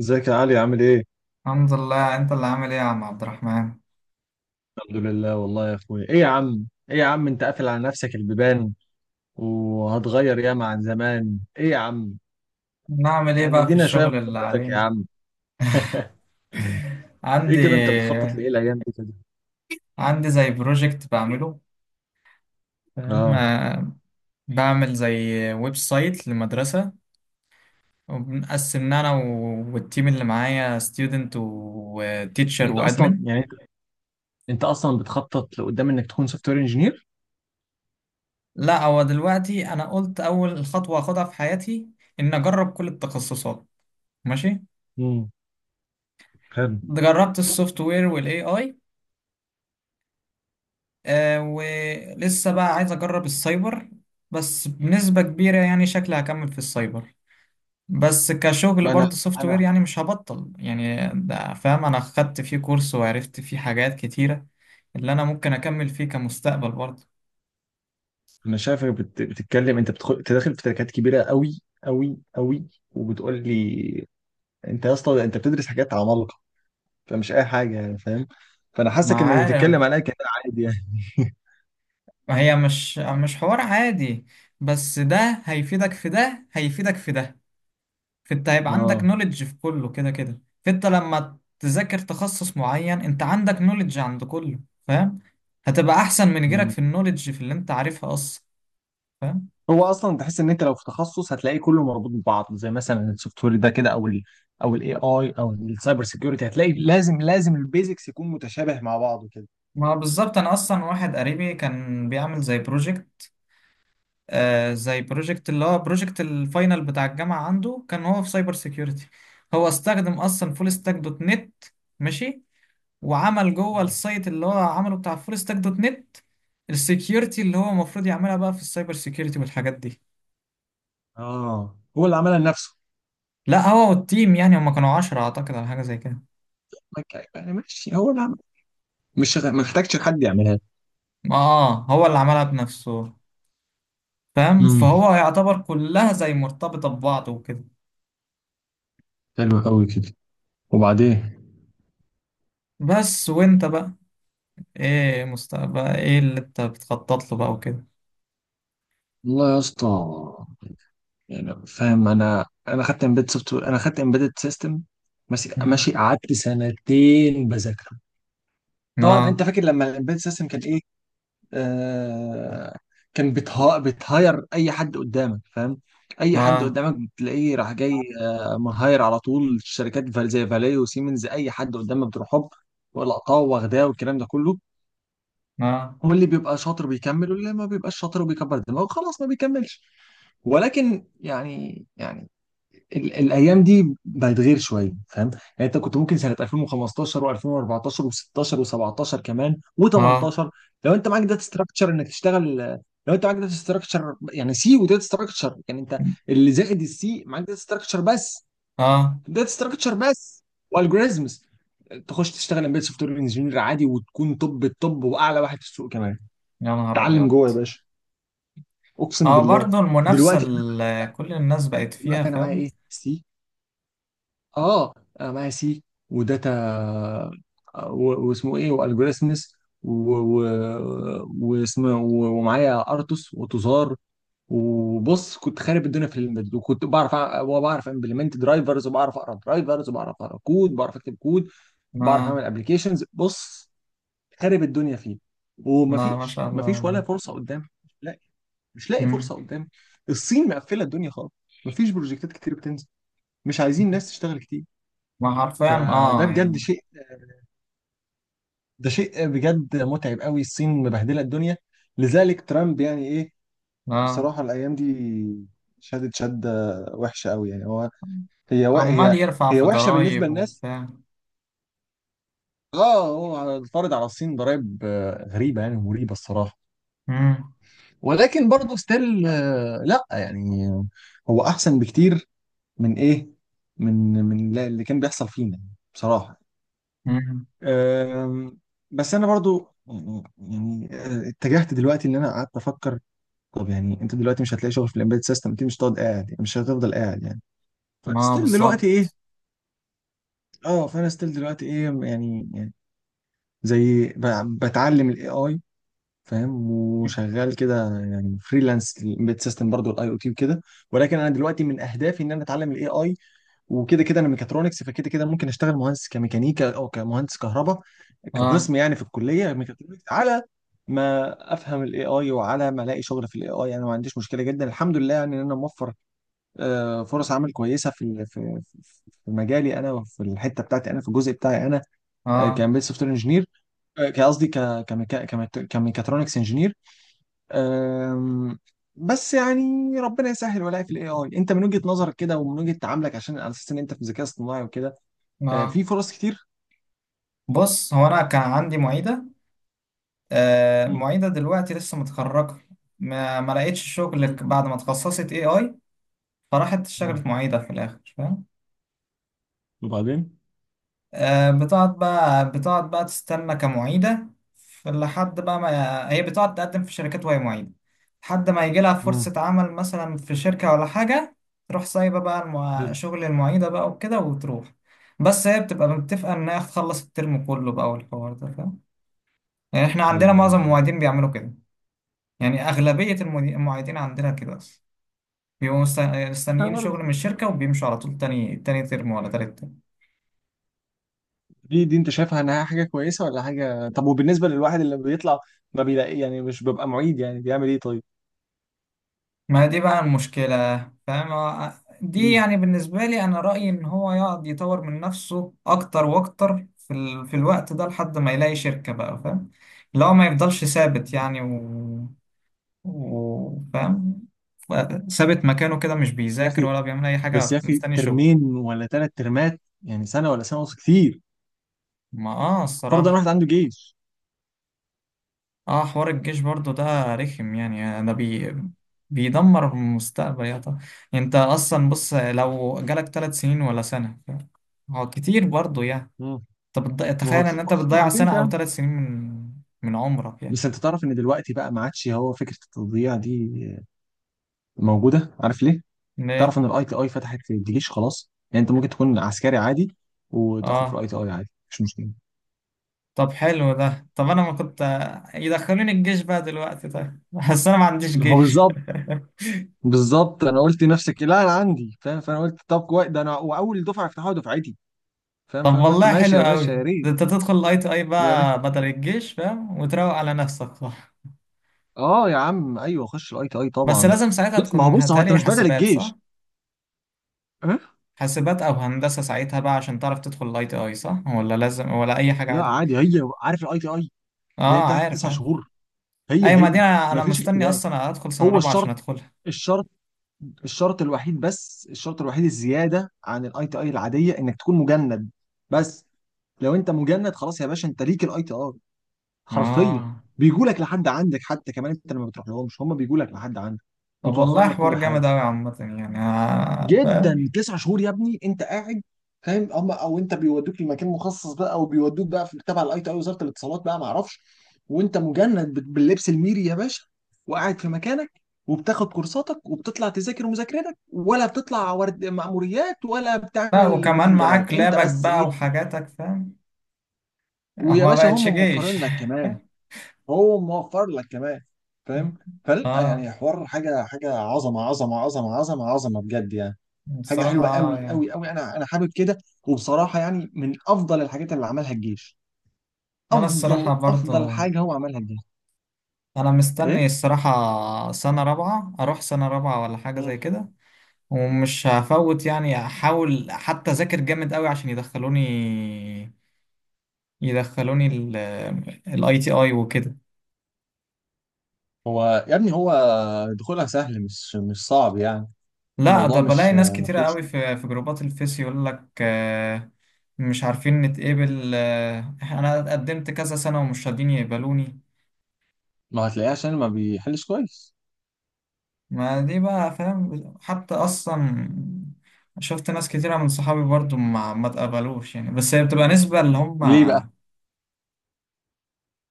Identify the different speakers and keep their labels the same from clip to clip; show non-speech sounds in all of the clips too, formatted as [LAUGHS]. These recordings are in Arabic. Speaker 1: ازيك يا علي عامل ايه؟
Speaker 2: الحمد لله. انت اللي عامل ايه يا عم عبد الرحمن؟
Speaker 1: الحمد لله والله يا اخويا ايه يا عم؟ ايه يا عم انت قافل على نفسك البيبان وهتغير ياما عن زمان ايه يا عم؟
Speaker 2: نعمل ايه
Speaker 1: يعني
Speaker 2: بقى في
Speaker 1: ادينا شوية من
Speaker 2: الشغل اللي
Speaker 1: خبرتك يا
Speaker 2: علينا.
Speaker 1: عم. [LAUGHS] ايه
Speaker 2: عندي
Speaker 1: كده انت بتخطط لايه الايام دي كده؟
Speaker 2: عندي زي بروجكت بعمله. فاهم؟
Speaker 1: اه،
Speaker 2: آه، بعمل زي ويب سايت لمدرسة. وبنقسمنا انا والتيم اللي معايا ستودنت وتيتشر
Speaker 1: انت اصلا
Speaker 2: وادمن.
Speaker 1: يعني انت اصلا بتخطط لقدام انك تكون سوفت وير انجينير؟
Speaker 2: لا، هو دلوقتي انا قلت اول خطوة اخدها في حياتي ان اجرب كل التخصصات. ماشي.
Speaker 1: امم، حلو.
Speaker 2: جربت السوفت وير والاي اي. آه، ولسه بقى عايز أجرب السايبر. بس بنسبة كبيرة يعني شكلي هكمل في السايبر. بس كشغل
Speaker 1: ما انا،
Speaker 2: برضه سوفت وير،
Speaker 1: انا،
Speaker 2: يعني مش هبطل يعني، ده فاهم؟ أنا خدت فيه كورس وعرفت فيه حاجات كتيرة اللي أنا ممكن أكمل فيه كمستقبل برضه.
Speaker 1: شايفك بتتكلم، انت بتدخل تداخل في تركات كبيرة قوي قوي قوي، وبتقول لي انت يا اسطى انت بتدرس حاجات عمالقة، فمش اي حاجه يعني فاهم، فانا
Speaker 2: ما
Speaker 1: حاسك انك
Speaker 2: عارف.
Speaker 1: بتتكلم عليا كده عادي يعني. [LAUGHS]
Speaker 2: هي مش حوار عادي. بس ده هيفيدك في ده، هيفيدك في ده. فانت هيبقى عندك
Speaker 1: اه.
Speaker 2: نوليدج في كله كده كده. فانت لما تذاكر تخصص معين انت عندك نوليدج عند كله. فاهم؟ هتبقى احسن من غيرك
Speaker 1: مم.
Speaker 2: في النوليدج، في اللي انت عارفها اصلا. فاهم؟
Speaker 1: هو اصلا تحس ان انت لو في تخصص هتلاقيه كله مربوط ببعض، زي مثلا السوفت وير ده كده، او او الاي اي او السايبر سيكيورتي، هتلاقي لازم لازم البيزكس يكون متشابه مع بعضه كده.
Speaker 2: ما بالظبط. انا اصلا واحد قريبي كان بيعمل زي بروجكت. آه، زي بروجكت اللي هو بروجكت الفاينل بتاع الجامعة. عنده كان هو في سايبر سيكيورتي. هو استخدم اصلا فول ستاك دوت نت. ماشي. وعمل جوه
Speaker 1: مم.
Speaker 2: السايت اللي هو عمله بتاع فول ستاك دوت نت السكيورتي اللي هو المفروض يعملها بقى في السايبر سيكيورتي والحاجات دي.
Speaker 1: اه، هو اللي عملها لنفسه.
Speaker 2: لا، هو والتيم، يعني هم كانوا 10 أعتقد، على حاجة زي كده.
Speaker 1: يعني ماشي، هو اللي عمل، مش ما محتاجش حد يعملها.
Speaker 2: اه، هو اللي عملها بنفسه. فاهم؟
Speaker 1: امم،
Speaker 2: فهو يعتبر كلها زي مرتبطة ببعض وكده.
Speaker 1: حلو قوي كده. وبعدين،
Speaker 2: بس وانت بقى، ايه مستقبل ايه اللي انت بتخطط له بقى وكده؟
Speaker 1: والله يا اسطى، يعني فاهم انا، خدت امبيد سوفت وير، انا خدت امبيدد سيستم ماشي
Speaker 2: مم.
Speaker 1: ماشي، قعدت 2 سنتين بذاكره. طبعا انت
Speaker 2: اه.
Speaker 1: فاكر لما الامبيدد سيستم كان ايه؟ آه، كان بتهاير اي حد قدامك فاهم، اي حد
Speaker 2: اه.
Speaker 1: قدامك بتلاقيه راح جاي. آه، مهاير على طول الشركات زي فالي وسيمنز، اي حد قدامك بتروح هوب ولقطاه واخداه والكلام ده كله.
Speaker 2: اه.
Speaker 1: هو اللي بيبقى شاطر بيكمل، واللي ما بيبقاش شاطر وبيكبر دماغه خلاص ما بيكملش. ولكن يعني، يعني الايام دي بقت غير شويه فاهم، يعني انت كنت ممكن سنه 2015 و2014 و16 و17 كمان
Speaker 2: اه.
Speaker 1: و18، لو انت معاك داتا ستراكشر انك تشتغل. لو انت معاك داتا ستراكشر، يعني سي وداتا ستراكشر، يعني انت اللي زائد السي معاك داتا ستراكشر بس،
Speaker 2: اه. آه.
Speaker 1: داتا ستراكشر بس والجوريزمز، تخش تشتغل امبيد سوفت وير انجينير عادي، وتكون توب التوب واعلى واحد في السوق كمان.
Speaker 2: يا نهار
Speaker 1: تعلم
Speaker 2: ابيض.
Speaker 1: جوه يا باشا، اقسم
Speaker 2: اه،
Speaker 1: بالله.
Speaker 2: برضه المنافسة
Speaker 1: دلوقتي،
Speaker 2: اللي كل الناس بقت فيها.
Speaker 1: دلوقتي انا معايا
Speaker 2: فاهم؟
Speaker 1: ايه؟ سي. اه، انا معايا سي وداتا، واسمه ايه والجوريثمز و- ومعايا ارتوس وتزار، وبص كنت خارب الدنيا في الامبيد، وكنت بعرف وبعرف امبلمنت درايفرز، وبعرف اقرا درايفرز، وبعرف اقرا كود، بعرف اكتب كود، بعرف
Speaker 2: ما
Speaker 1: اعمل ابلكيشنز، بص خارب الدنيا فيه.
Speaker 2: ما
Speaker 1: ومفيش،
Speaker 2: شاء الله
Speaker 1: ولا
Speaker 2: والله.
Speaker 1: فرصه قدام، مش لاقي، مش لاقي
Speaker 2: مم.
Speaker 1: فرصه قدام. الصين مقفله الدنيا خالص، مفيش بروجكتات كتير بتنزل، مش عايزين ناس تشتغل كتير.
Speaker 2: ما حرفيا
Speaker 1: فده
Speaker 2: اه
Speaker 1: بجد
Speaker 2: يعني.
Speaker 1: شيء، ده شيء بجد متعب قوي، الصين مبهدله الدنيا، لذلك ترامب يعني ايه
Speaker 2: اه.
Speaker 1: بصراحه الايام دي شدت شده وحشه قوي يعني. هو
Speaker 2: عمال يرفع
Speaker 1: هي
Speaker 2: في
Speaker 1: وحشه بالنسبه
Speaker 2: ضرايب
Speaker 1: للناس.
Speaker 2: وبتاع.
Speaker 1: اه، هو فرض على الصين ضرائب آه، غريبه يعني ومريبه الصراحه.
Speaker 2: مم.
Speaker 1: ولكن برضه ستيل، لا يعني هو احسن بكتير من ايه، من اللي كان بيحصل فينا يعني، بصراحه.
Speaker 2: مم.
Speaker 1: أم، بس انا برضو يعني، اتجهت دلوقتي ان انا قعدت افكر، طب يعني انت دلوقتي مش هتلاقي شغل في الامبيد سيستم، انت مش هتقعد قاعد يعني، مش هتفضل قاعد يعني،
Speaker 2: ما
Speaker 1: فستيل دلوقتي
Speaker 2: بالظبط.
Speaker 1: ايه؟ اه، فانا ستيل دلوقتي ايه يعني، يعني زي بتعلم الاي اي فاهم، وشغال كده يعني فريلانس الامبيد سيستم برضو الاي او تي وكده. ولكن انا دلوقتي من اهدافي ان انا اتعلم الاي اي، وكده كده انا ميكاترونكس، فكده كده ممكن اشتغل مهندس كميكانيكا او كمهندس كهرباء
Speaker 2: اه.
Speaker 1: كقسم يعني في الكليه ميكاترونكس. على ما افهم الاي اي وعلى ما الاقي شغل في الاي اي، انا ما عنديش مشكله جدا الحمد لله، يعني ان انا موفر آه، فرص عمل كويسه في في مجالي انا، وفي الحته بتاعتي انا، في الجزء بتاعي انا
Speaker 2: اه.
Speaker 1: كمبيوتر سوفت وير انجينير، قصدي كميكاترونكس انجينير. أم، بس يعني ربنا يسهل ولاقي في الاي اي. انت من وجهة نظرك كده ومن وجهة تعاملك، عشان على اساس ان انت في الذكاء الاصطناعي وكده،
Speaker 2: اه.
Speaker 1: في فرص كتير؟
Speaker 2: بص، هو انا كان عندي معيدة. آه،
Speaker 1: مم.
Speaker 2: معيدة دلوقتي لسه متخرجة. ما لقيتش شغل
Speaker 1: مم.
Speaker 2: بعد ما اتخصصت اي اي. فراحت
Speaker 1: مم.
Speaker 2: اشتغلت معيدة في الاخر. فاهم؟
Speaker 1: وبعدين؟
Speaker 2: آه، بتقعد بقى بتقعد بقى تستنى كمعيدة. لحد بقى ما هي بتقعد تقدم في شركات وهي معيدة لحد ما يجي لها
Speaker 1: مم.
Speaker 2: فرصة عمل مثلا في شركة ولا حاجة، تروح سايبة بقى
Speaker 1: حلو.
Speaker 2: شغل المعيدة بقى وكده وتروح. بس هي بتبقى متفقة إنها تخلص الترم كله بقى، والحوار ده. فاهم؟ يعني إحنا عندنا
Speaker 1: ايوه،
Speaker 2: معظم
Speaker 1: ايوه، ايوه.
Speaker 2: المعيدين بيعملوا كده. يعني أغلبية المعيدين عندنا كده أصلا. بيبقوا
Speaker 1: أنا
Speaker 2: مستنيين
Speaker 1: برضه.
Speaker 2: شغل من الشركة وبيمشوا على طول. تاني ترم ولا تالت.
Speaker 1: دي، دي انت شايفها انها حاجة كويسة ولا حاجة؟ طب وبالنسبة للواحد اللي بيطلع ما بيلاقي يعني، مش بيبقى معيد، يعني بيعمل ايه طيب؟
Speaker 2: ما دي بقى المشكلة. فاهم؟ آه، دي
Speaker 1: مم.
Speaker 2: يعني بالنسبة لي أنا رأيي إن هو يقعد يطور من نفسه أكتر وأكتر في الوقت ده لحد ما يلاقي شركة بقى. فاهم؟ لو ما يفضلش ثابت يعني، فاهم؟ ف- ثابت مكانه كده مش
Speaker 1: يا
Speaker 2: بيذاكر
Speaker 1: اخي،
Speaker 2: ولا بيعمل أي
Speaker 1: بس يا
Speaker 2: حاجة،
Speaker 1: اخي
Speaker 2: مستني شغل.
Speaker 1: ترمين ولا ثلاث ترمات يعني، سنة ولا سنة ونص كتير،
Speaker 2: ما آه
Speaker 1: فرضا
Speaker 2: الصراحة.
Speaker 1: واحد عنده جيش.
Speaker 2: اه، حوار الجيش برضو ده رخم يعني، ده بيدمر المستقبل يا طب. انت اصلا بص، لو جالك 3 سنين ولا سنة، هو كتير برضو يعني.
Speaker 1: مم.
Speaker 2: طب
Speaker 1: ما هو
Speaker 2: تخيل ان
Speaker 1: كتير
Speaker 2: انت
Speaker 1: برضه في
Speaker 2: بتضيع
Speaker 1: حالتين،
Speaker 2: سنة او 3 سنين من عمرك يعني.
Speaker 1: بس انت تعرف ان دلوقتي بقى ما عادش هو فكره التضييع دي موجوده، عارف ليه؟
Speaker 2: ليه.
Speaker 1: تعرف ان الاي تي اي فتحت في الجيش خلاص، يعني انت ممكن تكون عسكري عادي وتاخد في
Speaker 2: اه.
Speaker 1: الاي تي اي عادي مش مشكله.
Speaker 2: طب حلو ده. طب انا ما كنت. يدخلوني الجيش بقى دلوقتي طيب [LAUGHS] بس انا ما عنديش
Speaker 1: هو
Speaker 2: جيش
Speaker 1: بالظبط،
Speaker 2: [LAUGHS]
Speaker 1: بالظبط، انا قلت نفسك لا انا عندي فاهم، فانا قلت طب كويس ده، انا واول دفعه يفتحوها دفعتي فاهم،
Speaker 2: طب
Speaker 1: فانا قلت
Speaker 2: والله
Speaker 1: ماشي
Speaker 2: حلو
Speaker 1: يا باشا
Speaker 2: قوي
Speaker 1: يا ريت،
Speaker 2: ده، انت تدخل الاي تي اي
Speaker 1: يا ريت.
Speaker 2: بقى بدل الجيش. فاهم؟ وتروق على نفسك [LAUGHS]
Speaker 1: اه يا عم ايوه، خش الاي تي اي
Speaker 2: بس
Speaker 1: طبعا.
Speaker 2: لازم ساعتها
Speaker 1: لا ما
Speaker 2: تكون
Speaker 1: هو بص، هو انت
Speaker 2: هتالي
Speaker 1: مش بدل
Speaker 2: حاسبات، صح؟
Speaker 1: الجيش. أه؟
Speaker 2: حاسبات أو هندسة ساعتها بقى عشان تعرف تدخل الاي تي اي، صح؟ ولا لازم ولا أي حاجة
Speaker 1: لا
Speaker 2: عادي؟
Speaker 1: عادي، هي عارف الاي تي اي اللي هي
Speaker 2: اه،
Speaker 1: بتاعت
Speaker 2: عارف
Speaker 1: تسع
Speaker 2: عارف.
Speaker 1: شهور هي
Speaker 2: أيوة، ما دي
Speaker 1: هي،
Speaker 2: أنا
Speaker 1: ما
Speaker 2: أنا
Speaker 1: فيش
Speaker 2: مستني
Speaker 1: اختلاف.
Speaker 2: أصلا أدخل سنة
Speaker 1: هو
Speaker 2: رابعة عشان
Speaker 1: الشرط،
Speaker 2: أدخلها.
Speaker 1: الشرط، الشرط الوحيد، بس الشرط الوحيد الزياده عن الاي تي اي العاديه انك تكون مجند بس. لو انت مجند خلاص يا باشا انت ليك الاي تي اي، حرفيا
Speaker 2: اه،
Speaker 1: بيجوا لك لحد عندك، حتى كمان انت لما بتروح لهمش هم بيجوا لك لحد عندك،
Speaker 2: طب
Speaker 1: بتوفر
Speaker 2: والله
Speaker 1: لك كل
Speaker 2: حوار جامد
Speaker 1: حاجه
Speaker 2: أوي عامة يعني، آه،
Speaker 1: جدا.
Speaker 2: فاهم؟
Speaker 1: 9 شهور يا ابني انت قاعد فاهم، اما او انت بيودوك لمكان مخصص بقى، او بيودوك بقى في تبع الاي تي اي وزاره الاتصالات بقى ما اعرفش، وانت مجند باللبس الميري يا باشا، وقاعد في مكانك، وبتاخد كورساتك، وبتطلع تذاكر مذاكرتك، ولا بتطلع ورد مأموريات، ولا
Speaker 2: لا،
Speaker 1: بتعمل
Speaker 2: وكمان
Speaker 1: بتنجانات،
Speaker 2: معاك
Speaker 1: انت
Speaker 2: لابك
Speaker 1: بس
Speaker 2: بقى
Speaker 1: ايه،
Speaker 2: وحاجاتك، فاهم؟
Speaker 1: ويا
Speaker 2: ما
Speaker 1: باشا هم
Speaker 2: بقتش جيش
Speaker 1: موفرين لك
Speaker 2: [LAUGHS]
Speaker 1: كمان، هو موفر لك كمان فاهم. فلا
Speaker 2: اه،
Speaker 1: يعني، حوار حاجه، حاجه عظمه عظمه عظمه عظمه عظمه بجد يعني، حاجه
Speaker 2: بصراحة
Speaker 1: حلوه
Speaker 2: اه
Speaker 1: قوي
Speaker 2: يعني.
Speaker 1: قوي قوي، انا، انا حابب كده. وبصراحه يعني من افضل الحاجات اللي عملها الجيش،
Speaker 2: انا الصراحة
Speaker 1: افضل افضل
Speaker 2: برضه.
Speaker 1: حاجه هو عملها الجيش.
Speaker 2: انا مستني
Speaker 1: ايه.
Speaker 2: الصراحة سنة رابعة اروح سنة رابعة ولا حاجة زي
Speaker 1: مم.
Speaker 2: كده. ومش هفوت يعني، احاول حتى اذاكر جامد قوي عشان يدخلوني الاي تي اي وكده.
Speaker 1: هو يا ابني هو دخولها سهل، مش مش صعب يعني،
Speaker 2: لا، ده
Speaker 1: الموضوع
Speaker 2: بلاقي
Speaker 1: مش
Speaker 2: ناس
Speaker 1: ما
Speaker 2: كتيرة
Speaker 1: فيهوش.
Speaker 2: قوي في جروبات الفيس يقول لك آه،، مش عارفين نتقبل، آه، انا قدمت كذا سنة ومش راضين يقبلوني.
Speaker 1: ما هتلاقيه عشان ما بيحلش كويس.
Speaker 2: ما دي بقى. فاهم؟ حتى اصلا شفت ناس كتيرة من صحابي برضو ما اتقبلوش يعني، بس هي بتبقى نسبة اللي هم.
Speaker 1: ليه بقى؟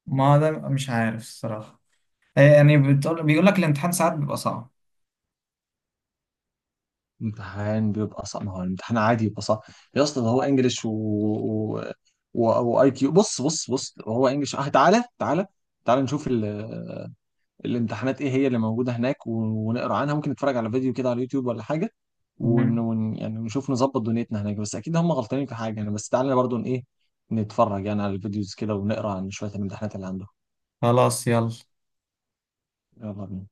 Speaker 2: ما ده مش عارف الصراحة. آه، يعني بيقول لك الامتحان ساعات بيبقى صعب.
Speaker 1: امتحان بيبقى صعب؟ ما هو الامتحان عادي يبقى صعب يا اسطى، ده هو انجلش و واي كيو. بص بص بص، هو انجلش اه، تعالى تعالى، تعالى نشوف الامتحانات ايه هي اللي موجوده هناك، ونقرا عنها، ممكن نتفرج على فيديو كده على اليوتيوب ولا حاجه،
Speaker 2: مم.
Speaker 1: يعني نشوف نظبط دنيتنا هناك، بس اكيد هم غلطانين في حاجه يعني. بس تعالى برضو ايه، نتفرج يعني على الفيديوز كده، ونقرا عن شويه الامتحانات اللي عندهم.
Speaker 2: خلاص، يلا.
Speaker 1: يلا بينا.